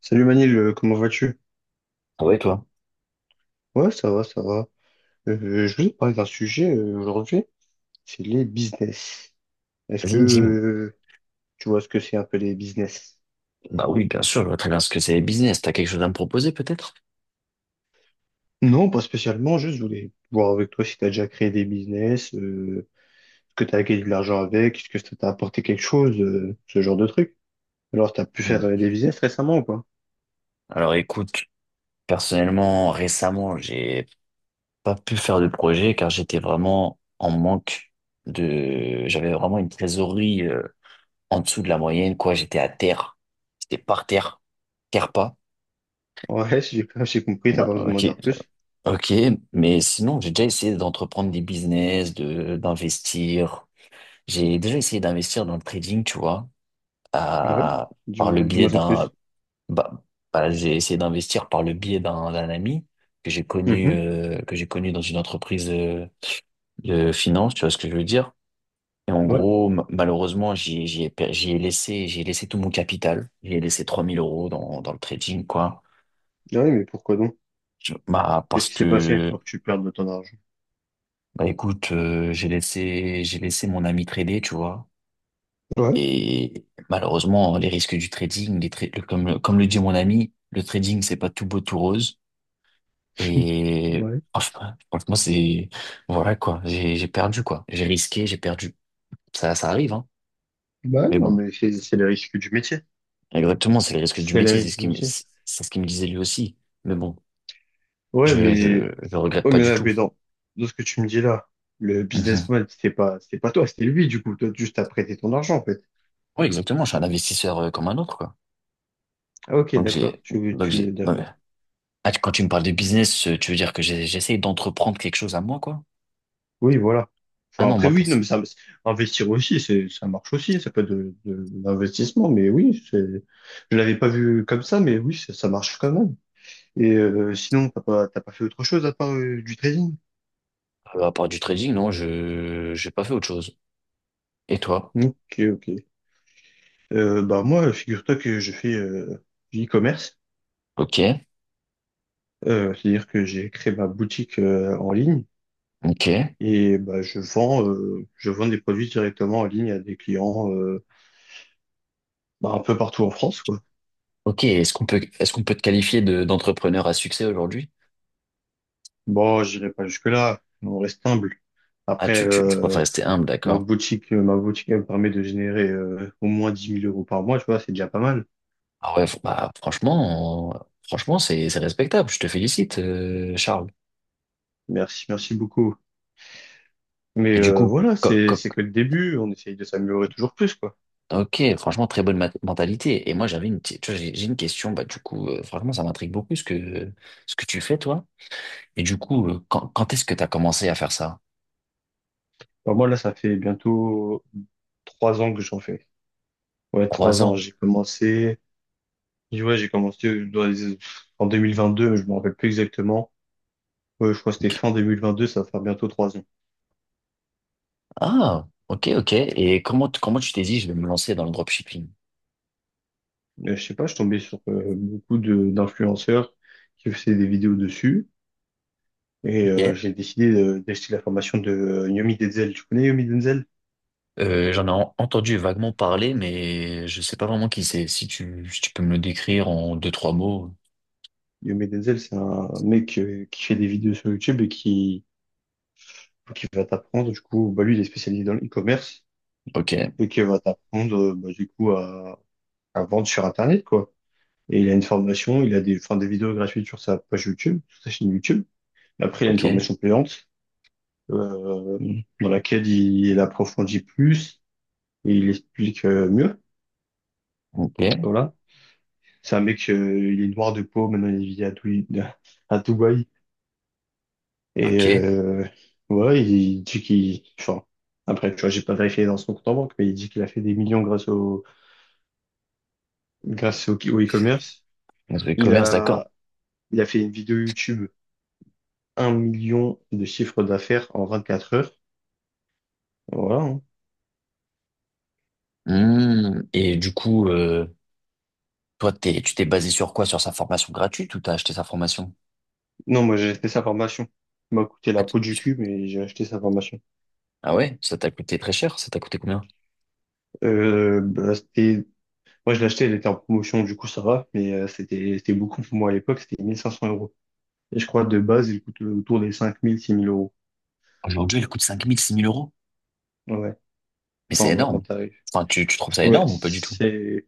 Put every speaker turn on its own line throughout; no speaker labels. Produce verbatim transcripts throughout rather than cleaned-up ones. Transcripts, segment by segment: Salut Manil, euh, comment vas-tu?
Ah ouais, toi?
Ouais, ça va, ça va. Euh, je voulais te parler d'un sujet euh, aujourd'hui, c'est les business. Est-ce que
Vas-y, dis-moi.
euh, tu vois ce que c'est un peu les business?
Bah oui, bien sûr, je vois très bien ce que c'est les business. T'as quelque chose à me proposer, peut-être?
Non, pas spécialement, juste je voulais voir avec toi si tu as déjà créé des business, euh, est-ce que tu as gagné de l'argent avec, est-ce que ça t'a apporté quelque chose, euh, ce genre de truc. Alors, tu as pu faire
Hmm.
euh, des business récemment ou pas?
Alors écoute, personnellement, récemment, j'ai pas pu faire de projet car j'étais vraiment en manque de... J'avais vraiment une trésorerie euh, en dessous de la moyenne, quoi. J'étais à terre. J'étais par terre. Terre pas.
Ouais, j'ai j'ai compris, t'as
Ah,
pas besoin de m'en
ok,
dire plus.
ok, mais sinon j'ai déjà essayé d'entreprendre des business, de d'investir. J'ai déjà essayé d'investir dans le trading, tu vois,
Ouais,
à- par
dis-moi,
le biais
dis-moi en
d'un.
plus.
Bah, bah, j'ai essayé d'investir par le biais d'un d'un ami que j'ai connu
Mhm.
euh, que j'ai connu dans une entreprise euh, de finance, tu vois ce que je veux dire? Et en
Ouais.
gros, ma- malheureusement, j'y j'y ai, per- j'y ai laissé j'ai laissé tout mon capital. J'ai laissé trois mille euros dans dans le trading quoi.
Ouais, mais pourquoi donc?
Je- bah
Qu'est-ce
parce
qui s'est passé
que
pour que tu perdes autant d'argent?
bah écoute, euh, j'ai laissé j'ai laissé mon ami trader, tu vois.
Ouais.
Et malheureusement, les risques du trading, les tra- le- comme le- comme le dit mon ami, le trading c'est pas tout beau tout rose. Et
Ouais.
oh, je sais pas franchement, c'est voilà quoi. J'ai j'ai perdu quoi. J'ai risqué, j'ai perdu. Ça ça arrive hein.
Bah
Mais
non,
bon,
mais c'est c'est les risques du métier.
exactement, c'est le risque du
C'est les
métier. C'est ce
risques du
qui me
métier.
c'est c'est ce qu'il me disait lui aussi. Mais bon,
Ouais,
je
mais,
je je regrette
ouais,
pas
mais,
du
là,
tout.
mais dans, dans ce que tu me dis là, le
Mhm.
businessman, c'était pas, c'était pas toi, c'était lui, du coup. Toi, juste t'as prêté ton argent, en fait.
Oui, exactement. Je suis un investisseur euh, comme un autre quoi.
Ah, ok,
Donc
d'accord.
j'ai
Tu veux,
donc
tu,
j'ai non, mais-
d'accord.
Ah, tu- quand tu me parles de business, euh, tu veux dire que j'ai- j'essaye d'entreprendre quelque chose à moi quoi?
Oui, voilà.
Ah
Enfin,
non,
après,
moi
oui, non,
perso-
mais ça, investir aussi, c'est, ça marche aussi. Ça peut être de, de l'investissement, mais oui, c'est, je l'avais pas vu comme ça, mais oui, ça, ça marche quand même. Et euh, sinon, t'as pas, t'as pas fait autre chose à part euh, du trading?
euh, à part du trading, non, je j'ai pas fait autre chose. Et toi?
Ok, ok. Euh, bah moi, figure-toi que je fais euh, du e-commerce.
Ok,
Euh, c'est-à-dire que j'ai créé ma boutique euh, en ligne
ok.
et bah, je vends, euh, je vends des produits directement en ligne à des clients euh, bah, un peu partout en France, quoi.
Ok, est-ce qu'on peut, est-ce qu'on peut te qualifier de, d'entrepreneur à succès aujourd'hui?
Bon, j'irai pas jusque-là, on reste humble.
Ah,
Après,
tu, tu, tu préfères
euh,
rester humble,
ma
d'accord.
boutique, euh, ma boutique elle me permet de générer euh, au moins dix mille euros par mois, tu vois, c'est déjà pas mal.
Ah ouais, f- bah, franchement, euh, franchement, c'est, c'est respectable. Je te félicite, euh, Charles.
Merci, merci beaucoup. Mais
Et du
euh,
coup,
voilà,
co-
c'est
co-
c'est que le début, on essaye de s'améliorer toujours plus, quoi.
ok, franchement, très bonne mat- mentalité. Et moi, j'avais une, petite- tu vois, j'ai j'ai une question. Bah, du coup, euh, franchement, ça m'intrigue beaucoup ce que, ce que tu fais, toi. Et du coup, euh, quand, quand est-ce que tu as commencé à faire ça?
Bah, moi, là, ça fait bientôt trois ans que j'en fais. Ouais,
Trois
trois ans.
ans.
J'ai commencé, ouais, j'ai commencé dans les- en deux mille vingt-deux, mais je me rappelle plus exactement. Ouais, je crois que c'était
Ok.
fin deux mille vingt deux, ça va faire bientôt trois ans.
Ah, ok, ok. Et comment, t- comment tu t'es dit, je vais me lancer dans le dropshipping?
Euh, je sais pas, je suis tombé sur euh, beaucoup de d'influenceurs qui faisaient des vidéos dessus et euh,
Ok.
j'ai décidé de- d'acheter la formation de euh, Yomi Denzel. Tu connais Yomi Denzel?
Euh, j'en ai en- entendu vaguement parler, mais je sais pas vraiment qui c'est. Si tu, si tu peux me le décrire en deux, trois mots.
Yomi Denzel, c'est un mec euh, qui fait des vidéos sur YouTube et qui, qui va t'apprendre. Du coup, bah, lui, il est spécialisé dans l'e-commerce.
Ok,
Et qui va t'apprendre, euh, bah, du coup, à, à vendre sur Internet, quoi. Et il a une formation, il a des, enfin, des vidéos gratuites sur sa page YouTube, sur sa chaîne YouTube. Après, il a une
ok,
formation payante, euh, dans laquelle il, il approfondit plus et il explique euh, mieux.
ok,
Voilà. C'est un mec, euh, il est noir de peau, maintenant il vit à, Doui- à Dubaï. Et
ok.
euh, ouais, il dit qu'il… Enfin, après, tu vois, j'ai pas vérifié dans son compte en banque, mais il dit qu'il a fait des millions grâce au, grâce au au e-commerce.
Donc, le
Il
commerce, d'accord.
a, il a fait une vidéo YouTube, un million de chiffre d'affaires en vingt-quatre heures. Voilà, hein.
Hmm, et du coup, euh, toi, t'es, tu t'es basé sur quoi? Sur sa formation gratuite ou t'as acheté sa formation?
Non, moi j'ai acheté sa formation. Il m'a coûté
Ah,
la
tu-
peau du
tu-
cul, mais j'ai acheté sa formation.
ah ouais, ça t'a coûté très cher. Ça t'a coûté combien?
Euh, bah, c'était… Moi je l'ai acheté, elle était en promotion, du coup ça va, mais euh, c'était c'était beaucoup pour moi à l'époque, c'était mille cinq cents euros. Et je crois de base, il coûte autour des cinq mille, six mille euros.
Aujourd'hui, elle coûte cinq mille six mille euros.
Ouais,
Mais c'est
enfin ouais, en
énorme.
tarif.
Enfin, tu, tu trouves ça
Ouais,
énorme ou pas du tout?
c'est…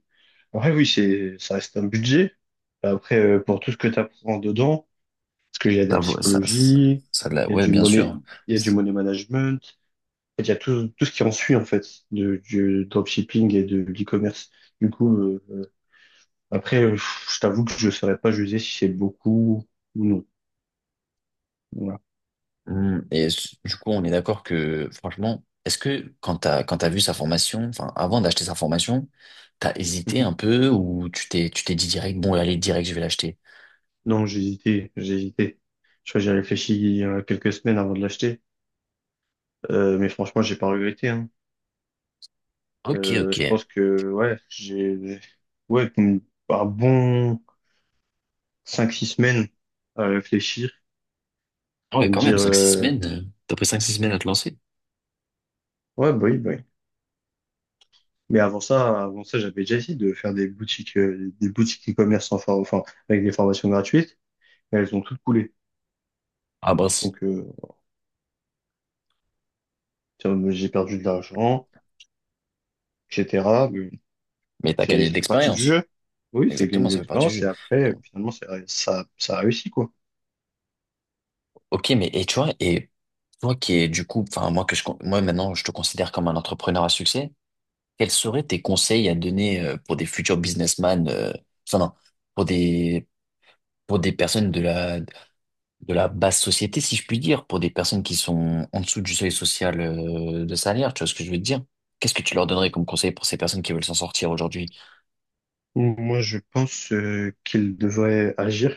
Ouais, oui, c'est, ça reste un budget. Après, euh, pour tout ce que tu apprends dedans, parce qu'il y a de
Ça,
la
vaut- ça, ça,
psychologie,
ça, de la-
il y a
ouais,
du
bien
money,
sûr.
il y a du money management. En fait, il y a tout, tout ce qui en suit, en fait, de, du dropshipping et de l'e-commerce. Du coup, euh, euh, après, euh, je t'avoue que je ne saurais pas juger si c'est beaucoup ou non. Voilà.
Hmm, et s- du coup, on est d'accord que, franchement, est-ce que quand t'as, quand t'as vu sa formation, enfin, avant d'acheter sa formation, t'as hésité
Mhm.
un peu ou tu t'es, tu t'es dit direct, bon, allez, direct, je vais l'acheter.
Non, j'ai hésité, j'ai hésité. Je crois que j'ai réfléchi il y a quelques semaines avant de l'acheter. Euh, mais franchement, j'ai pas regretté, hein.
Ok,
Euh,
ok.
je pense que, ouais, j'ai, ouais, un bon cinq six semaines à réfléchir,
Ah
à
ouais,
me
quand même,
dire,
cinq six
euh,
semaines. euh, T'as pris cinq six semaines à te lancer.
ouais, bah oui, bah oui. Mais avant ça, avant ça, j'avais déjà essayé de faire des boutiques, euh, des boutiques e-commerce sans for- enfin, avec des formations gratuites, mais elles ont toutes coulé.
Ah, mince.
Donc, euh, tiens, mais j'ai perdu de l'argent, et cetera. Mais
Mais t'as
c'est,
gagné de
ça fait partie du
l'expérience.
jeu. Oui, c'est gagner
Exactement,
de
ça fait partie du
l'expérience
jeu.
et après, euh,
Donc,
finalement, ça, ça, ça a réussi, quoi.
ok, mais, et tu vois, et toi qui es, du coup, enfin, moi que je, con- moi maintenant, je te considère comme un entrepreneur à succès, quels seraient tes conseils à donner euh, pour des futurs businessmen, euh, enfin, non, pour des pour des personnes de la, de la basse société, si je puis dire, pour des personnes qui sont en dessous du seuil social euh, de salaire, tu vois ce que je veux te dire? Qu'est-ce que tu leur donnerais comme conseil pour ces personnes qui veulent s'en sortir aujourd'hui?
Donc, moi, je pense, euh, qu'il devrait agir.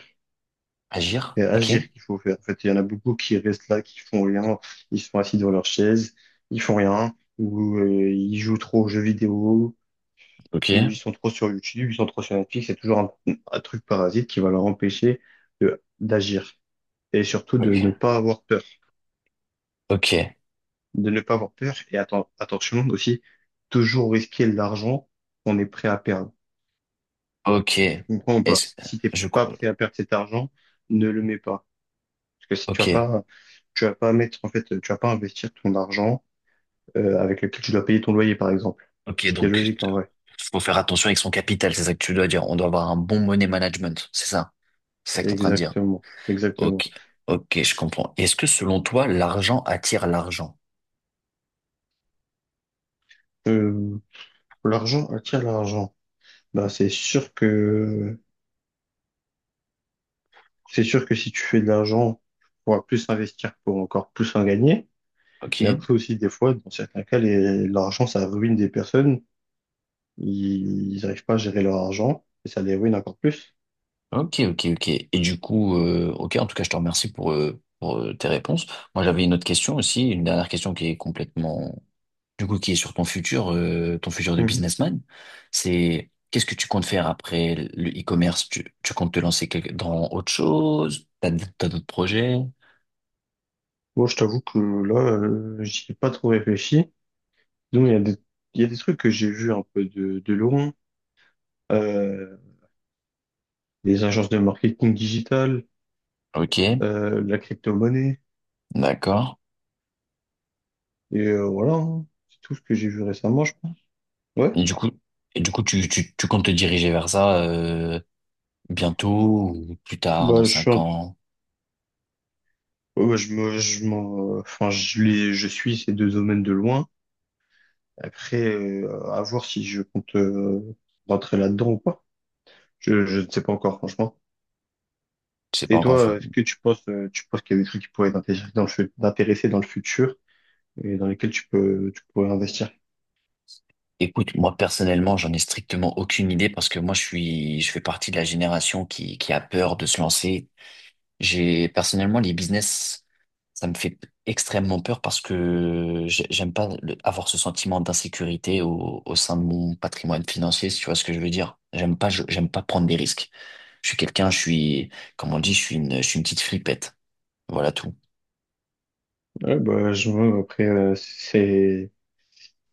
Agir?
C'est
Ok?
agir qu'il faut faire. En fait, il y en a beaucoup qui restent là, qui font rien, ils sont assis dans leur chaise, ils font rien, ou, euh, ils jouent trop aux jeux vidéo
Ok?
ou ils sont trop sur YouTube, ils sont trop sur Netflix, c'est toujours un, un truc parasite qui va leur empêcher de d'agir et surtout de ne
Ok?
pas avoir peur,
Ok?
de ne pas avoir peur et atten- attention aussi, toujours risquer l'argent qu'on est prêt à perdre.
Ok?
Tu comprends ou pas?
Est-ce,
Si t'es
je,
pas prêt à perdre cet argent, ne le mets pas, parce que si tu vas
ok?
pas, tu vas pas mettre, en fait tu vas pas investir ton argent euh, avec lequel tu dois payer ton loyer par exemple,
Ok,
ce qui est
donc,
logique en vrai.
faut faire attention avec son capital, c'est ça que tu dois dire. On doit avoir un bon money management, c'est ça? C'est ça que tu es en train de dire.
Exactement, exactement.
Ok? Ok, je comprends. Est-ce que selon toi, l'argent attire l'argent?
Euh, L'argent attire l'argent. Bah, c'est sûr que c'est sûr que si tu fais de l'argent, tu pourras plus investir pour encore plus en gagner.
Ok?
Mais après aussi, des fois, dans certains cas, les- l'argent, ça ruine des personnes. Ils n'arrivent pas à gérer leur argent et ça les ruine encore plus.
Ok, ok, ok. Et du coup, euh, ok, en tout cas, je te remercie pour, euh, pour euh, tes réponses. Moi, j'avais une autre question aussi, une dernière question qui est complètement, du coup, qui est sur ton futur, euh, ton futur de
Mhm.
businessman. C'est qu'est-ce que tu comptes faire après le e-commerce? Tu, tu comptes te lancer quelque- dans autre chose? T'as, d- t'as d'autres projets?
Moi, je t'avoue que là, euh, j'y ai pas trop réfléchi. Donc, il y a des, il y a des trucs que j'ai vus un peu de, de loin. Euh, les agences de marketing digital,
Ok,
euh, la crypto-monnaie,
d'accord.
et euh, voilà, hein. C'est tout ce que j'ai vu récemment, je pense. Ouais,
Et du coup, et du coup, tu, tu, tu comptes te diriger vers ça, euh, bientôt ou plus tard, dans
bah, je suis
cinq
un-
ans?
ouais, je me, je m'en, enfin, je les, je suis ces deux domaines de loin. Après, euh, à voir si je compte euh, rentrer là-dedans ou pas. Je, je ne sais pas encore, franchement.
Je sais pas
Et
encore.
toi, est-ce que tu penses, euh, tu penses qu'il y a des trucs qui pourraient t'intéresser dans le, fu- t'intéresser dans le futur et dans lesquels tu peux, tu pourrais investir?
Écoute, moi personnellement, j'en ai strictement aucune idée parce que moi je suis, je fais partie de la génération qui, qui a peur de se lancer. J'ai personnellement les business, ça me fait extrêmement peur parce que j'ai- j'aime pas le- avoir ce sentiment d'insécurité au, au sein de mon patrimoine financier, si tu vois ce que je veux dire. J'aime pas, je- j'aime pas prendre des risques. Je suis quelqu'un, je suis, comme on dit, je suis une, je suis une petite flippette. Voilà tout.
Ouais, bah, je vois, après, euh, c'est,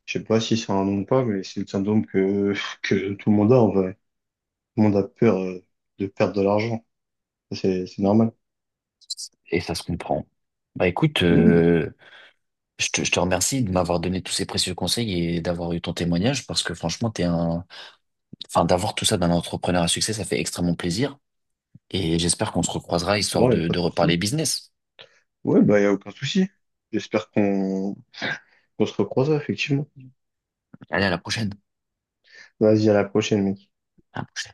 je sais pas si c'est un nom ou pas, mais c'est le syndrome que, que tout le monde a en vrai. Tout le monde a peur euh, de perdre de l'argent. Ça, C'est, c'est normal.
Et ça se comprend. Bah écoute,
Non,
euh, je te, je te remercie de m'avoir donné tous ces précieux conseils et d'avoir eu ton témoignage parce que franchement, t'es un, enfin, d'avoir tout ça d'un entrepreneur à succès, ça fait extrêmement plaisir et j'espère qu'on se recroisera histoire
ouais, y a
de,
pas
de
de souci.
reparler business.
Ouais, bah, y a aucun souci. J'espère qu'on, qu'on se recroisera, effectivement.
Allez, à la prochaine.
Vas-y, à la prochaine, mec.
À la prochaine.